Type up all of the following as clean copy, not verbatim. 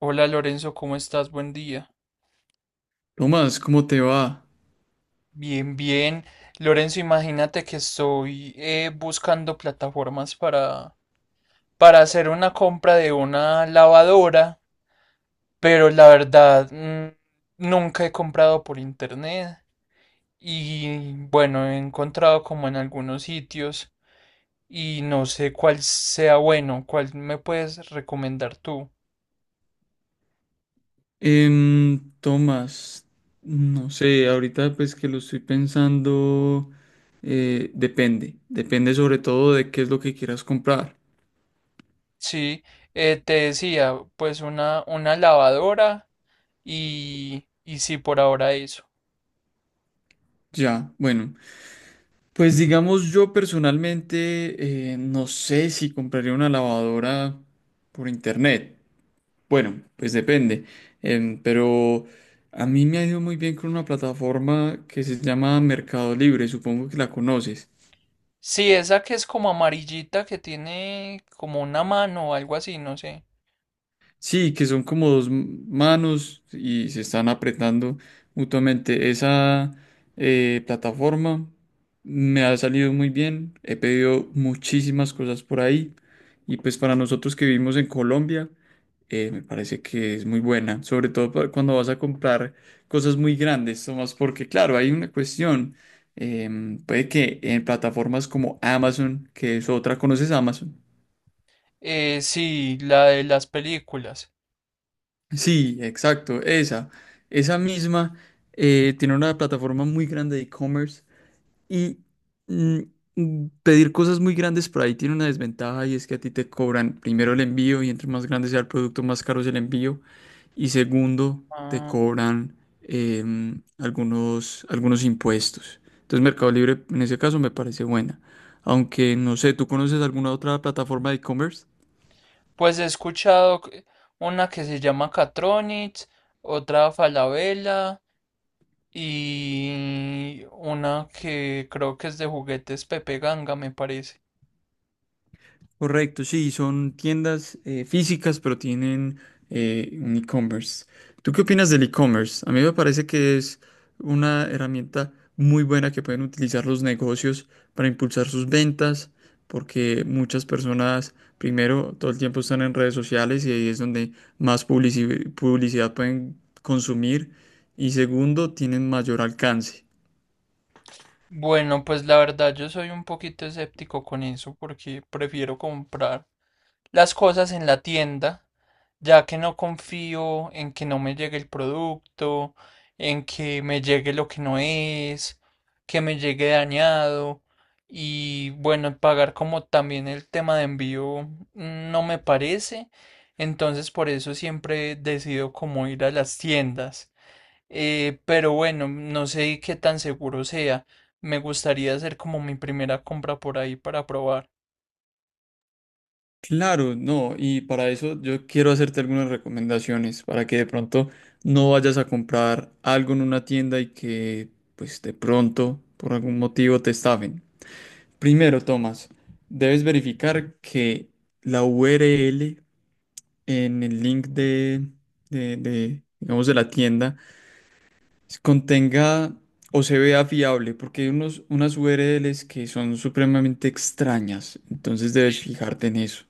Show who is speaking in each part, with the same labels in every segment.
Speaker 1: Hola Lorenzo, ¿cómo estás? Buen día.
Speaker 2: Tomás, ¿cómo te va?
Speaker 1: Bien, bien. Lorenzo, imagínate que estoy buscando plataformas para hacer una compra de una lavadora, pero la verdad nunca he comprado por internet y bueno, he encontrado como en algunos sitios y no sé cuál sea bueno, cuál me puedes recomendar tú.
Speaker 2: Tomás, no sé, ahorita pues que lo estoy pensando, depende, depende sobre todo de qué es lo que quieras comprar.
Speaker 1: Sí, te decía, pues una lavadora y sí, por ahora eso.
Speaker 2: Ya, bueno, pues digamos yo personalmente no sé si compraría una lavadora por internet. Bueno, pues depende. Pero a mí me ha ido muy bien con una plataforma que se llama Mercado Libre, supongo que la conoces.
Speaker 1: Sí, esa que es como amarillita, que tiene como una mano o algo así, no sé.
Speaker 2: Sí, que son como dos manos y se están apretando mutuamente. Esa plataforma me ha salido muy bien. He pedido muchísimas cosas por ahí. Y pues para nosotros que vivimos en Colombia, me parece que es muy buena. Sobre todo cuando vas a comprar cosas muy grandes, Tomás, porque claro, hay una cuestión. Puede que en plataformas como Amazon, que es otra, ¿conoces Amazon?
Speaker 1: Sí, la de las películas.
Speaker 2: Sí, exacto, esa misma tiene una plataforma muy grande de e-commerce y mm, pedir cosas muy grandes por ahí tiene una desventaja y es que a ti te cobran primero el envío y entre más grande sea el producto más caro es el envío y segundo te
Speaker 1: Ah,
Speaker 2: cobran algunos impuestos. Entonces Mercado Libre en ese caso me parece buena, aunque no sé, ¿tú conoces alguna otra plataforma de e-commerce?
Speaker 1: pues he escuchado, una que se llama Catronics, otra Falabella y una que creo que es de juguetes Pepe Ganga, me parece.
Speaker 2: Correcto, sí, son tiendas físicas, pero tienen un e-commerce. ¿Tú qué opinas del e-commerce? A mí me parece que es una herramienta muy buena que pueden utilizar los negocios para impulsar sus ventas, porque muchas personas, primero, todo el tiempo están en redes sociales y ahí es donde más publicidad pueden consumir, y segundo, tienen mayor alcance.
Speaker 1: Bueno, pues la verdad yo soy un poquito escéptico con eso porque prefiero comprar las cosas en la tienda, ya que no confío en que no me llegue el producto, en que me llegue lo que no es, que me llegue dañado y bueno, pagar como también el tema de envío, no me parece, entonces por eso siempre decido como ir a las tiendas. Pero bueno, no sé qué tan seguro sea. Me gustaría hacer como mi primera compra por ahí para probar.
Speaker 2: Claro, no, y para eso yo quiero hacerte algunas recomendaciones para que de pronto no vayas a comprar algo en una tienda y que pues de pronto por algún motivo te estafen. Primero, Tomás, debes verificar que la URL en el link digamos, de la tienda contenga o se vea fiable, porque hay unos, unas URLs que son supremamente extrañas, entonces debes fijarte en eso.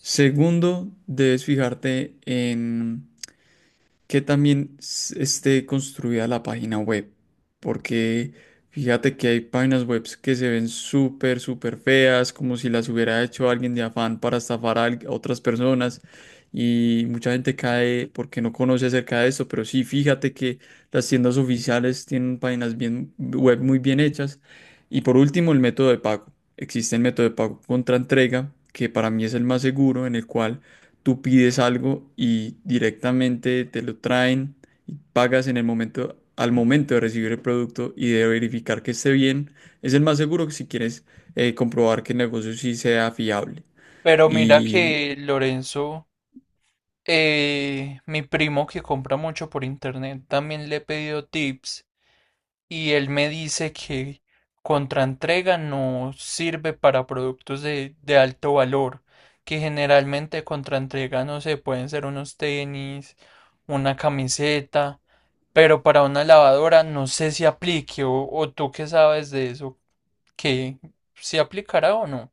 Speaker 2: Segundo, debes fijarte en que también esté construida la página web, porque fíjate que hay páginas web que se ven súper, súper feas, como si las hubiera hecho alguien de afán para estafar a a otras personas. Y mucha gente cae porque no conoce acerca de eso, pero sí, fíjate que las tiendas oficiales tienen páginas bien, web muy bien hechas. Y por último, el método de pago. Existe el método de pago contra entrega, que para mí es el más seguro, en el cual tú pides algo y directamente te lo traen y pagas en el momento, al momento de recibir el producto y de verificar que esté bien, es el más seguro si quieres comprobar que el negocio sí sea fiable.
Speaker 1: Pero mira
Speaker 2: Y
Speaker 1: que Lorenzo, mi primo que compra mucho por internet también le he pedido tips y él me dice que contraentrega no sirve para productos de alto valor, que generalmente contraentrega no sé, pueden ser unos tenis, una camiseta, pero para una lavadora no sé si aplique o tú qué sabes de eso, que si aplicará o no.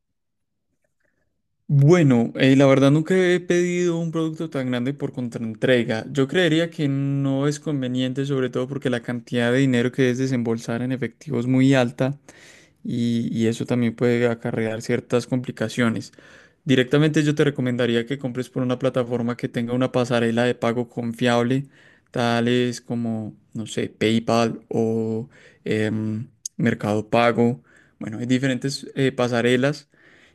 Speaker 2: Bueno, la verdad nunca he pedido un producto tan grande por contraentrega. Yo creería que no es conveniente, sobre todo porque la cantidad de dinero que es desembolsar en efectivo es muy alta y eso también puede acarrear ciertas complicaciones. Directamente yo te recomendaría que compres por una plataforma que tenga una pasarela de pago confiable, tales como, no sé, PayPal o em, Mercado Pago. Bueno, hay diferentes pasarelas.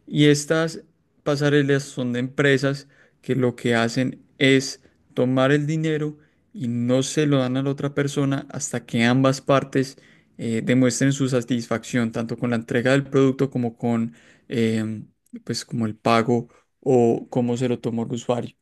Speaker 2: Y estas pasarelas son de empresas que lo que hacen es tomar el dinero y no se lo dan a la otra persona hasta que ambas partes demuestren su satisfacción, tanto con la entrega del producto como con em, pues como el pago o cómo se lo tomó el usuario.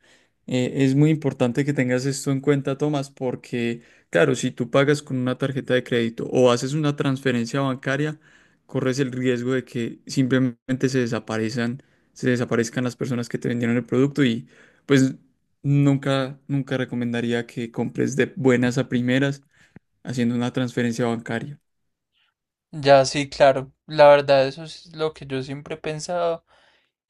Speaker 2: Es muy importante que tengas esto en cuenta, Tomás, porque claro, si tú pagas con una tarjeta de crédito o haces una transferencia bancaria, corres el riesgo de que simplemente se desaparezcan las personas que te vendieron el producto y pues nunca, nunca recomendaría que compres de buenas a primeras haciendo una transferencia bancaria.
Speaker 1: Ya sí, claro, la verdad eso es lo que yo siempre he pensado,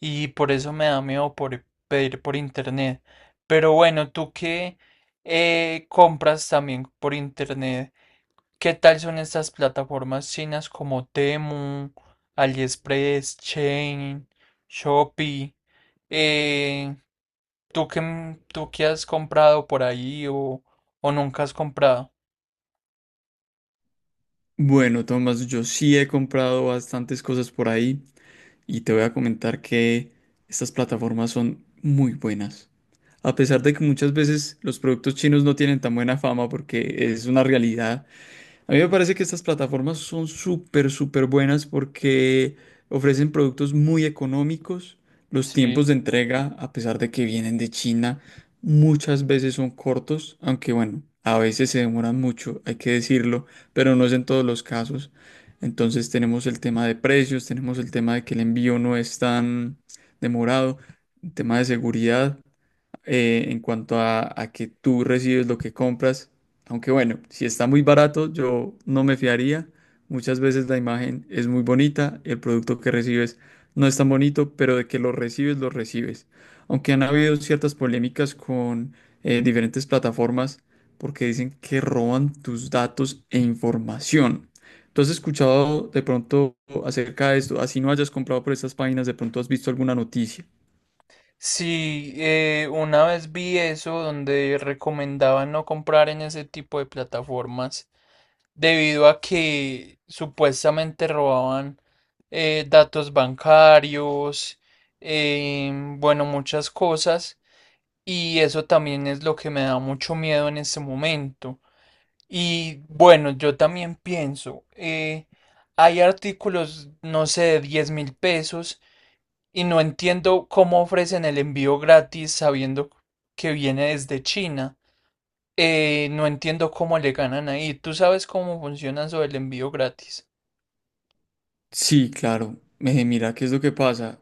Speaker 1: y por eso me da miedo por pedir por internet. Pero bueno, tú que compras también por internet, ¿qué tal son estas plataformas chinas como Temu, AliExpress, Chain, Shopee? Eh, ¿tú qué has comprado por ahí o nunca has comprado?
Speaker 2: Bueno, Tomás, yo sí he comprado bastantes cosas por ahí y te voy a comentar que estas plataformas son muy buenas. A pesar de que muchas veces los productos chinos no tienen tan buena fama porque es una realidad. A mí me parece que estas plataformas son súper, súper buenas porque ofrecen productos muy económicos. Los
Speaker 1: Sí.
Speaker 2: tiempos de entrega, a pesar de que vienen de China, muchas veces son cortos, aunque bueno, a veces se demoran mucho, hay que decirlo, pero no es en todos los casos. Entonces tenemos el tema de precios, tenemos el tema de que el envío no es tan demorado, el tema de seguridad en cuanto a que tú recibes lo que compras. Aunque bueno, si está muy barato, yo no me fiaría. Muchas veces la imagen es muy bonita, el producto que recibes no es tan bonito, pero de que lo recibes, lo recibes. Aunque han habido ciertas polémicas con diferentes plataformas porque dicen que roban tus datos e información. ¿Tú has escuchado de pronto acerca de esto? Así no hayas comprado por estas páginas, de pronto has visto alguna noticia.
Speaker 1: Sí, una vez vi eso donde recomendaban no comprar en ese tipo de plataformas, debido a que supuestamente robaban datos bancarios, bueno, muchas cosas, y eso también es lo que me da mucho miedo en este momento. Y bueno, yo también pienso, hay artículos, no sé, de 10.000 pesos, y no entiendo cómo ofrecen el envío gratis sabiendo que viene desde China. No entiendo cómo le ganan ahí. ¿Tú sabes cómo funciona eso del envío gratis?
Speaker 2: Sí, claro. Mira, ¿qué es lo que pasa?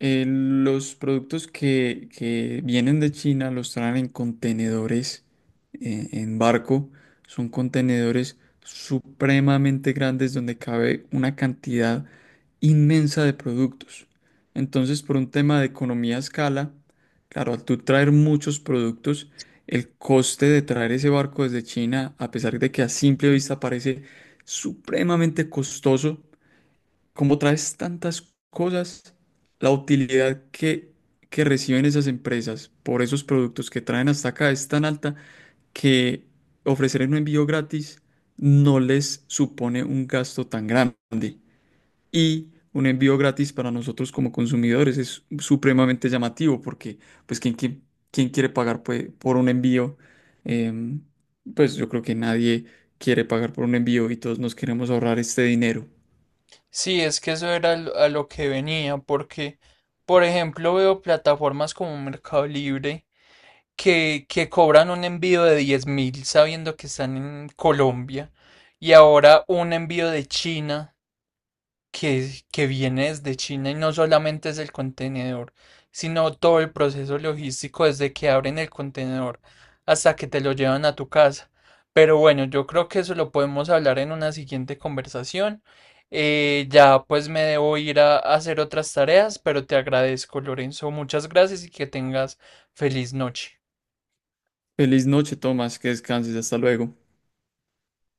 Speaker 2: Los productos que vienen de China los traen en contenedores, en barco. Son contenedores supremamente grandes donde cabe una cantidad inmensa de productos. Entonces, por un tema de economía a escala, claro, al tú traer muchos productos, el coste de traer ese barco desde China, a pesar de que a simple vista parece supremamente costoso, como traes tantas cosas, la utilidad que reciben esas empresas por esos productos que traen hasta acá es tan alta que ofrecer un envío gratis no les supone un gasto tan grande. Y un envío gratis para nosotros como consumidores es supremamente llamativo porque, pues, ¿quién, quién quiere pagar pues, por un envío? Em, pues yo creo que nadie quiere pagar por un envío y todos nos queremos ahorrar este dinero.
Speaker 1: Sí, es que eso era a lo que venía, porque, por ejemplo, veo plataformas como Mercado Libre que cobran un envío de 10.000 sabiendo que están en Colombia y ahora un envío de China que viene desde China y no solamente es el contenedor, sino todo el proceso logístico desde que abren el contenedor hasta que te lo llevan a tu casa. Pero bueno, yo creo que eso lo podemos hablar en una siguiente conversación. Ya pues me debo ir a hacer otras tareas, pero te agradezco, Lorenzo. Muchas gracias y que tengas feliz noche.
Speaker 2: Feliz noche, Tomás, que descanses, hasta luego.